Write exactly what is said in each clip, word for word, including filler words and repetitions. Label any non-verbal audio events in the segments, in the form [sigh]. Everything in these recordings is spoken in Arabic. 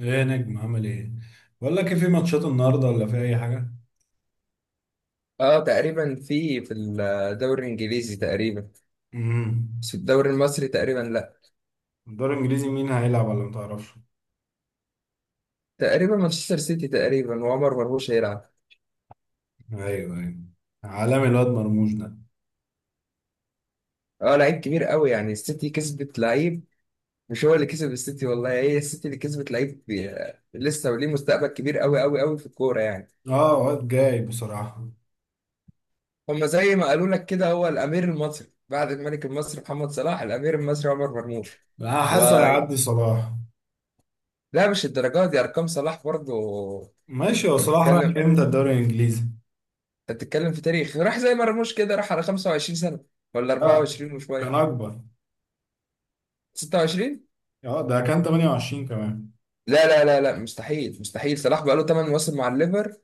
ايه يا نجم، عامل ايه؟ بقول لك ايه، في ماتشات النهارده ولا في اي حاجه؟ اه، تقريبا في في الدوري الانجليزي تقريبا. امم. بس في الدوري المصري تقريبا لا. الدوري الانجليزي مين هيلعب ولا ما تعرفش؟ تقريبا مانشستر سيتي تقريبا، وعمر مرموش هيلعب. ايوه، ايوه. عالمي الواد مرموش ده. اه، لعيب كبير قوي، يعني السيتي كسبت لعيب. مش هو اللي كسب السيتي والله، هي السيتي اللي كسبت لعيب بي- لسه وليه مستقبل كبير قوي قوي قوي في الكوره يعني. اه، واد جاي بصراحه. هما زي ما قالوا لك كده، هو الامير المصري بعد الملك المصري محمد صلاح، الامير المصري عمر مرموش. انا و حاسه هيعدي صلاح. لا، مش الدرجات دي ارقام صلاح برضه. ماشي، هو صلاح راح بنتكلم. امتى الدوري الانجليزي؟ انت بتتكلم في تاريخ، راح زي مرموش كده، راح على خمسة وعشرين سنة سنه ولا لا، أربعة وعشرين كان وشويه. اكبر. ستة وعشرين. اه، ده كان تمانية وعشرين كمان. لا لا لا لا، مستحيل مستحيل، صلاح بقى له 8 مواسم مع الليفر.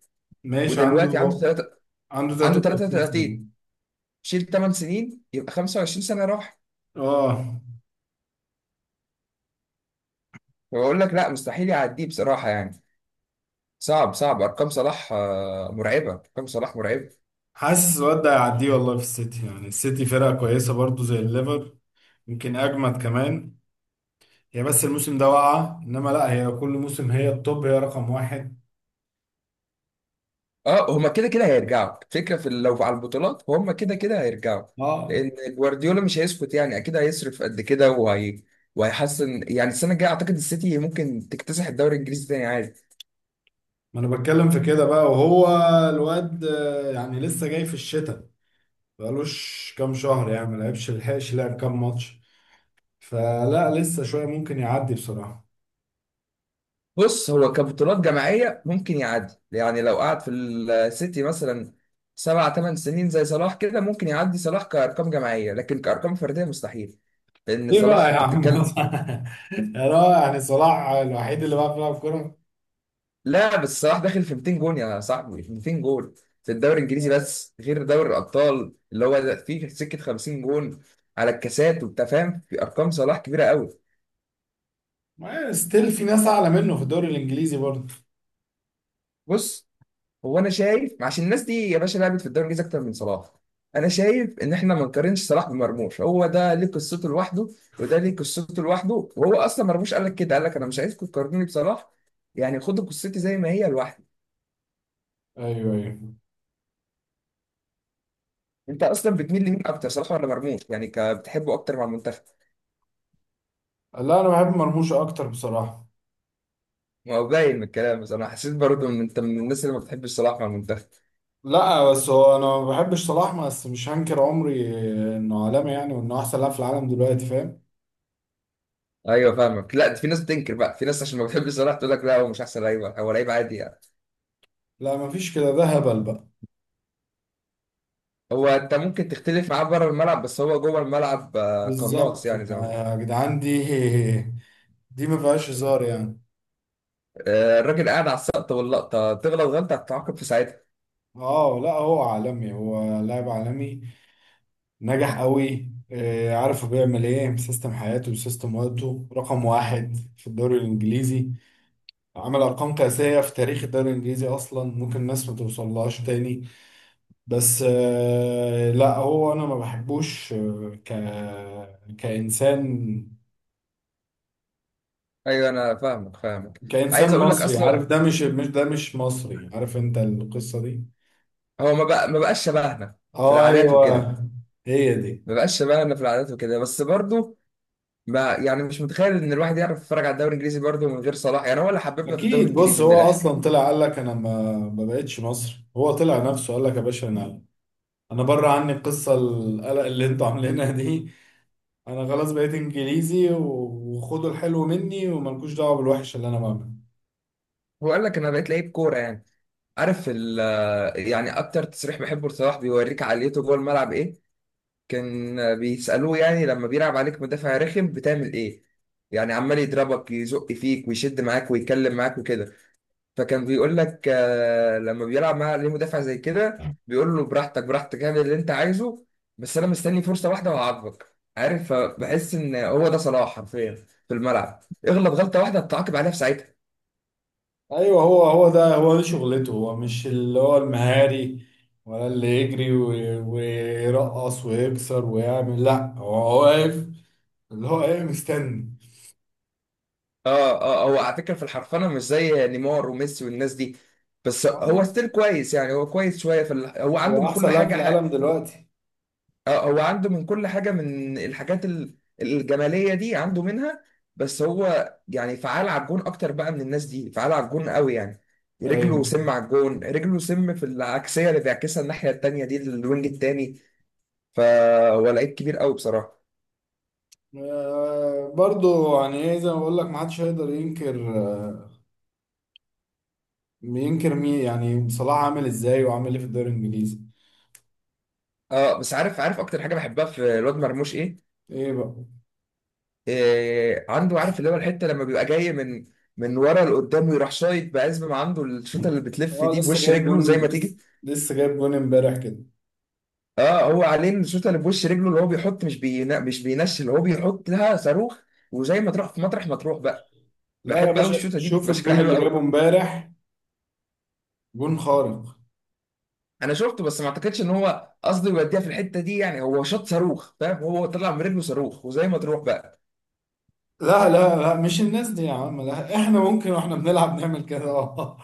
ماشي، عنده ودلوقتي عنده تلاتة. عنده عنده تلاتة وتلاتين سنه. تلاتة وتلاتين. شيل 8 سنين يبقى خمس وعشرين سنة سنه راح. اه، فبقول لك لا، مستحيل يعديه بصراحه يعني. صعب صعب، ارقام صلاح آه، مرعبه، ارقام صلاح مرعبه. حاسس الواد ده هيعديه والله، في السيتي، يعني السيتي فرقه كويسه برضه زي الليفر. يمكن اجمد كمان. هي بس الموسم ده واقعة، انما لا، هي كل موسم هي التوب، هي رقم واحد. اه، هما كده كده هيرجعوا. الفكره في لو على البطولات، هما كده كده هيرجعوا. اه، لان جوارديولا مش هيسكت، يعني اكيد هيصرف قد كده. وهي وهيحسن، يعني السنه الجايه اعتقد السيتي ممكن تكتسح الدوري الانجليزي تاني عادي. ما انا بتكلم في كده بقى. وهو الواد آه، يعني لسه جاي في الشتاء. بقالوش كام شهر يعني، ما لعبش، لحقش لعب كام ماتش. فلا، لسه شوية ممكن يعدي بصراحة. بص، هو كبطولات جماعيه ممكن يعدي، يعني لو قعد في السيتي مثلا سبع ثمان سنين زي صلاح كده، ممكن يعدي صلاح كارقام جماعيه، لكن كارقام فرديه مستحيل. لان ليه بقى صلاح، يا انت عم؟ بتتكلم، [laughs] يا رائع، يعني صلاح الوحيد اللي بقى بيلعب كورة؟ لا، بس صلاح داخل في 200 جون يا صاحبي، 200 جون في الدوري الانجليزي بس، غير دوري الابطال اللي هو ده فيه سكه 50 جون على الكاسات وبتاع، فاهم؟ في ارقام صلاح كبيره قوي. ما ستيل في ناس اعلى منه في الدوري الانجليزي برضه. بص، هو انا شايف، عشان الناس دي يا باشا لعبت في الدوري الانجليزي اكتر من صلاح. انا شايف ان احنا ما نقارنش صلاح بمرموش، هو ده ليه قصته لوحده، وده ليه قصته لوحده. وهو اصلا مرموش قال لك كده، قال لك انا مش عايزكم تقارنوني بصلاح، يعني خدوا قصتي زي ما هي لوحدي. ايوه، ايوه. انت اصلا بتميل لمين اكتر، صلاح ولا مرموش؟ يعني ك- بتحبه اكتر مع المنتخب؟ لا، انا بحب مرموش اكتر بصراحة. ما هو باين من الكلام، بس انا حسيت برضه ان انت من الناس اللي ما بتحبش صلاح مع المنتخب. لا بس هو انا ما بحبش صلاح، بس مش هنكر عمري انه عالمي يعني، وانه احسن لاعب في العالم دلوقتي، فاهم. ايوه، فاهمك. لا، ده في ناس بتنكر بقى، في ناس عشان ما بتحبش صلاح تقول لك لا هو مش احسن لعيب، هو لعيب عادي يعني. لا، ما فيش كده، ده هبل بقى. هو انت ممكن تختلف معاه بره الملعب، بس هو جوه الملعب آه، قناص، بالظبط. يعني زي ما ما- بقول. يا جدعان دي [laughs] دي ما فيهاش هزار يعني. آه، الراجل قاعد على السقطه واللقطه، تغلط غلطه هتتعاقب في ساعتها. اه لا، هو عالمي، هو لاعب عالمي. نجح قوي آه، عارف، هو بيعمل ايه، سيستم حياته وسيستم وقته رقم واحد في الدوري الانجليزي. عمل ارقام قياسيه في تاريخ الدوري الانجليزي اصلا، ممكن الناس ما توصلهاش تاني. بس آه، لا، هو انا ما بحبوش، آه، ك كانسان. ايوه انا فاهمك، فاهمك. عايز كانسان اقول لك مصري، عارف، اصلا، ده مش، مش ده مش مصري، عارف انت القصه دي. هو ما بقى ما بقاش شبهنا في اه، العادات ايوه، وكده، هي دي. ما بقاش شبهنا في العادات وكده، بس برضه ما، يعني مش متخيل ان الواحد يعرف يتفرج على الدوري الانجليزي برضه من غير صلاح، يعني هو اللي حببنا في الدوري اكيد، بص، الانجليزي من هو الاخر. اصلا طلع قال لك انا ما ما بقتش مصري. هو طلع نفسه قال لك يا باشا، انا انا بره عني القصه، القلق اللي انتوا عاملينها دي. انا خلاص بقيت انجليزي، و- وخدوا الحلو مني وملكوش دعوه بالوحش اللي انا بعمله. هو قال لك انا بقيت لعيب كوره يعني. عارف ال يعني اكتر تصريح بحبه لصلاح بيوريك عقليته جوه الملعب ايه، كان بيسالوه يعني لما بيلعب عليك مدافع رخم بتعمل ايه؟ يعني عمال يضربك، يزق فيك، ويشد معاك، ويتكلم معاك وكده. فكان بيقول لك آه، لما بيلعب معاه ليه مدافع زي كده، بيقول له براحتك براحتك، اعمل اللي انت عايزه، بس انا مستني فرصه واحده وهعاقبك. عارف، فبحس ان هو ده صلاح حرفيا في الملعب، اغلط غلطه واحده بتعاقب عليها في ساعتها. ايوه، هو هو ده. هو دي شغلته. هو مش اللي هو المهاري، ولا اللي يجري و- ويرقص ويكسر ويعمل. لا، هو واقف، اللي هو ايه، مستني. اه اه اه، هو على فكره في الحرفنه مش زي نيمار وميسي والناس دي، بس آه، هو ستيل كويس، يعني هو كويس. شويه في ال... هو عنده هو من كل احسن لاعب في حاجه. العالم دلوقتي. اه، هو عنده من كل حاجة، من الحاجات ال- الجمالية دي عنده منها، بس هو يعني فعال على الجون أكتر بقى من الناس دي، فعال على الجون قوي يعني. رجله ايوه. سم على الجون، رجله سم في العكسية اللي بيعكسها الناحية التانية دي للوينج التاني. فهو لعيب كبير قوي بصراحة. آه برضو، يعني ايه، زي ما بقول لك، ما حدش هيقدر ينكر. آه، ينكر مين؟ يعني صلاح عامل ازاي وعامل ايه في الدوري الانجليزي. اه، بس عارف عارف أكتر حاجة بحبها في الواد مرموش إيه؟ ايه بقى. إيه عنده؟ عارف اللي هو الحتة لما بيبقى جاي من من ورا لقدام، ويروح شايط بقى، ما عنده الشوطة اللي بتلف اه دي لسه بوش جايب رجله زي جون، ما لسه تيجي. لسه جايب جون امبارح كده. اه، هو عليه الشوطه اللي في وش رجله، اللي هو بيحط، مش بينا مش بينشل، هو بيحط لها صاروخ، وزي ما تروح في مطرح ما تروح بقى. لا يا بحب قوي باشا، الشوطه دي، شوف بتبقى شكلها الجون حلو اللي جابه قوي. امبارح، جون خارق. انا شفته، بس ما اعتقدش ان هو قصده يوديها في الحته دي، يعني هو شاط صاروخ، فاهم؟ هو طلع من رجله صاروخ، وزي ما تروح بقى. لا لا لا، مش الناس دي يا عم، لا. احنا ممكن واحنا بنلعب نعمل كده [laughs] اه.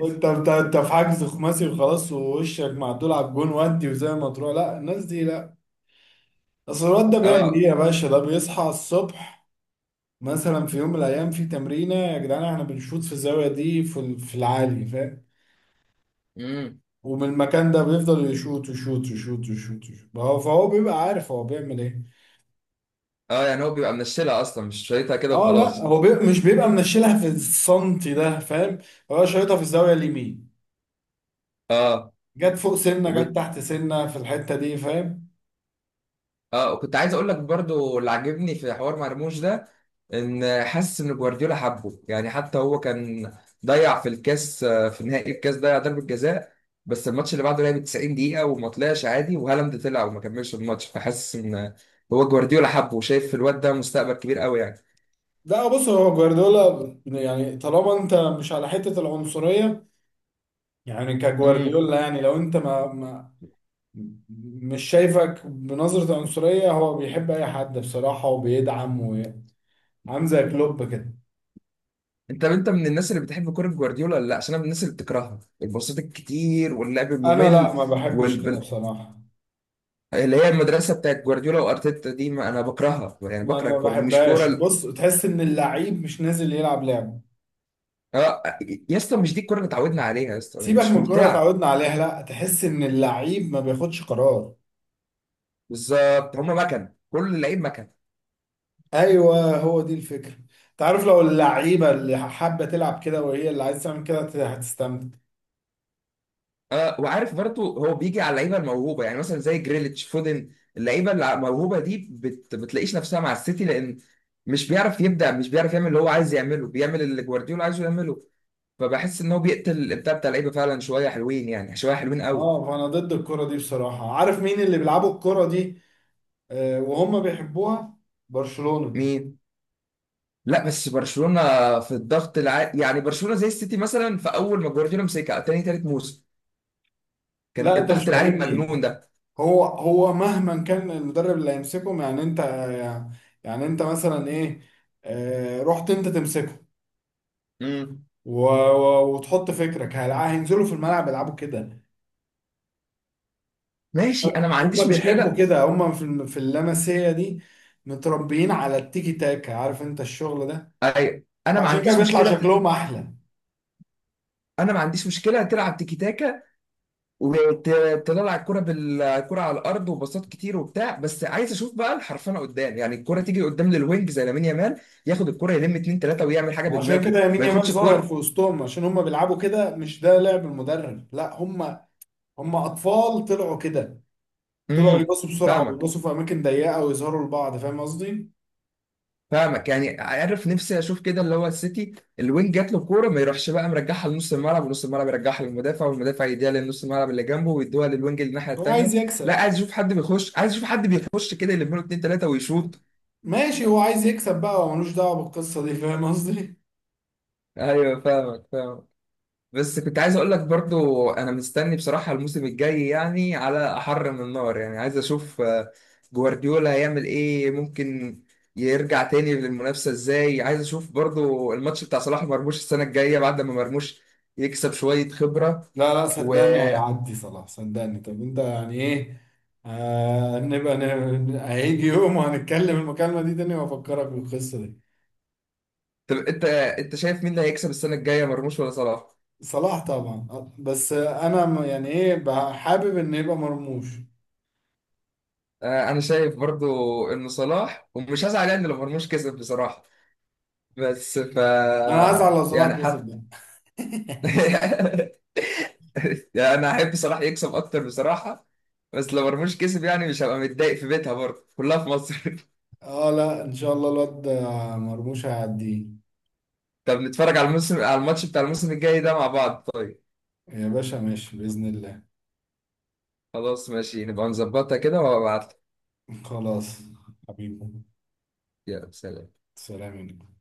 انت انت انت في حجز خماسي وخلاص، ووشك معدول على الجون ودي وزي ما تروح، لا الناس دي لا. اصل الواد ده بيعمل ايه اه. يا باشا، ده بيصحى الصبح مثلا في يوم من الايام في تمرينه، يا جدعان احنا بنشوط في الزاويه دي، في ال- في العالي، فاهم. امم. ومن المكان ده بيفضل يشوط يشوط يشوط يشوط يشوط. فهو فهو بيبقى عارف هو بيعمل ايه. اه، يعني هو بيبقى منشلها اصلا، مش شايطها كده اه لا، وخلاص. هو بي... مش بيبقى منشلها في السنتي ده، فاهم. هو شايطها في الزاويه اليمين. اه جت فوق سنه، جت تحت سنه، في الحته دي، فاهم. اه، كنت عايز اقول لك برضو، اللي عاجبني في حوار مرموش ده، ان حاسس ان جوارديولا حبه، يعني حتى هو كان ضيع في الكاس آه، في نهائي الكاس، ضيع ضربة جزاء، بس الماتش اللي بعده لعب 90 دقيقة وما طلعش عادي، وهالاند طلع وما كملش الماتش، فحاسس ان هو جوارديولا حبه، وشايف في الواد ده مستقبل كبير قوي يعني. لا بص، هو جوارديولا يعني، طالما انت مش على حته العنصريه، يعني امم. كجوارديولا يعني، لو انت ما, ما مش شايفك بنظره عنصريه، هو بيحب اي حد بصراحه وبيدعم وعامل زي كلوب كده. انت انت من الناس اللي بتحب كرة جوارديولا ولا لا؟ عشان انا من الناس اللي بتكرهها، الباصات الكتير واللعب انا لا، الممل، ما بحبش كده بصراحه. اللي هي المدرسه بتاعت جوارديولا وارتيتا دي. ما انا بكرهها يعني، انا بكره ما الكوره دي، مش كوره بحبهاش. ال- بص، تحس ان اللعيب مش نازل يلعب لعب. اه، يا اسطى مش دي الكوره اللي اتعودنا عليها يا اسطى، سيبك مش من الكوره ممتعه. اتعودنا عليها، لا، تحس ان اللعيب ما بياخدش قرار. بالظبط، هم مكن كل اللعيب مكن. ايوه، هو دي الفكره. انت عارف، لو اللعيبه اللي حابه تلعب كده، وهي اللي عايز تعمل كده، هت- هتستمتع. اه، وعارف برضه، هو بيجي على اللعيبه الموهوبه، يعني مثلا زي جريليتش، فودن، اللعيبه اللي الموهوبه دي بت... بتلاقيش نفسها مع السيتي، لان مش بيعرف يبدع، مش بيعرف يعمل اللي هو عايز يعمله، بيعمل اللي جوارديولا عايزه يعمله. فبحس ان هو بيقتل الابداع بتاع اللعيبه فعلا، شويه حلوين يعني، شويه حلوين قوي. اه، فانا ضد الكره دي بصراحه. عارف مين اللي بيلعبوا الكره دي آه، وهم بيحبوها؟ برشلونه. مين؟ لا، بس برشلونة في الضغط العالي، يعني برشلونة زي السيتي مثلا في أول ما جوارديولا مسكها، تاني تالت موسم كان لا انت مش الضغط العالي فاهمني. المجنون ده. هو هو مهما كان المدرب اللي هيمسكهم، يعني انت، يعني انت مثلا ايه، آه، رحت انت تمسكه امم. و- و- وتحط فكرك، هل- هينزلوا في الملعب يلعبوا كده؟ ماشي، أنا ما هم عنديش بيحبوا مشكلة. كده، هم في الم- في اللمسيه دي، متربيين على التيكي تاكا، عارف انت الشغل ده. أيوة، أنا ما فعشان كده عنديش بيطلع مشكلة ت- شكلهم احلى. أنا ما عنديش مشكلة تلعب تيكي تاكا، وتطلع الكرة بالكرة على الأرض، وباصات كتير وبتاع، بس عايز أشوف بقى الحرفنة قدام، يعني الكرة تيجي قدام للوينج زي لامين يامال، ياخد الكرة يلم اتنين تلاتة ويعمل حاجة وعشان بدماغه، كده يمين ما يامال ياخدش ظاهر الكرة. في وسطهم، عشان هم بيلعبوا كده، مش ده لعب المدرب، لا، هم هم اطفال طلعوا كده. طلعوا امم. يباصوا بسرعه، فاهمك، ويباصوا في اماكن ضيقه، ويظهروا لبعض، فاهم قصدي. فاهمك. يعني عارف نفسي اشوف كده، اللي هو السيتي، الوينج جات له الكوره، ما يروحش بقى مرجعها لنص الملعب، ونص الملعب يرجعها للمدافع، والمدافع يديها لنص الملعب اللي جنبه، ويدوها للوينج اللي الناحيه هو التانيه. عايز لا، يكسب. عايز اشوف حد بيخش، عايز اشوف حد بيخش كده، يلم له اتنين تلاته ويشوط. ماشي، هو عايز يكسب بقى، هو ملوش دعوه بالقصه دي، فاهم قصدي. ايوه، فاهمك، فاهمك. بس كنت عايز اقول لك برضو، انا مستني بصراحة الموسم الجاي، يعني على احر من النار، يعني عايز اشوف آه، جوارديولا هيعمل ايه؟ ممكن يرجع تاني للمنافسة ازاي؟ عايز اشوف برضو الماتش بتاع صلاح مرموش السنة الجاية بعد ما مرموش يكسب شوية خبرة. لا لا، و صدقني هيعدي صلاح، صدقني. طب انت يعني ايه، آه، نبقى ن- هيجي يوم وهنتكلم المكالمة دي تاني وافكرك بالقصة دي. طب انت انت شايف مين اللي هيكسب السنة الجاية، مرموش ولا صلاح؟ صلاح طبعا. آه، بس انا م- يعني ايه بقى، حابب ان يبقى مرموش. آه، انا شايف برضو انه صلاح، ومش هزعل يعني لو مرموش كسب بصراحة، بس ف انا هزعل لو يعني صلاح كسب ده. [laughs] يعني انا احب صلاح يكسب اكتر بصراحه، بس لو مرموش كسب يعني مش هبقى متضايق، في بيتها برضه، كلها في مصر. [laughs] اه لا، ان شاء الله الواد آه، مرموش هيعديه. طب نتفرج على الموسم، على الماتش بتاع الموسم الجاي ده مع بعض طيب. يا باشا ماشي، بإذن الله. خلاص، ماشي، نبقى نظبطها كده وهبعت لك. [laughs] خلاص. حبيبي. يلا سلام. سلام عليكم.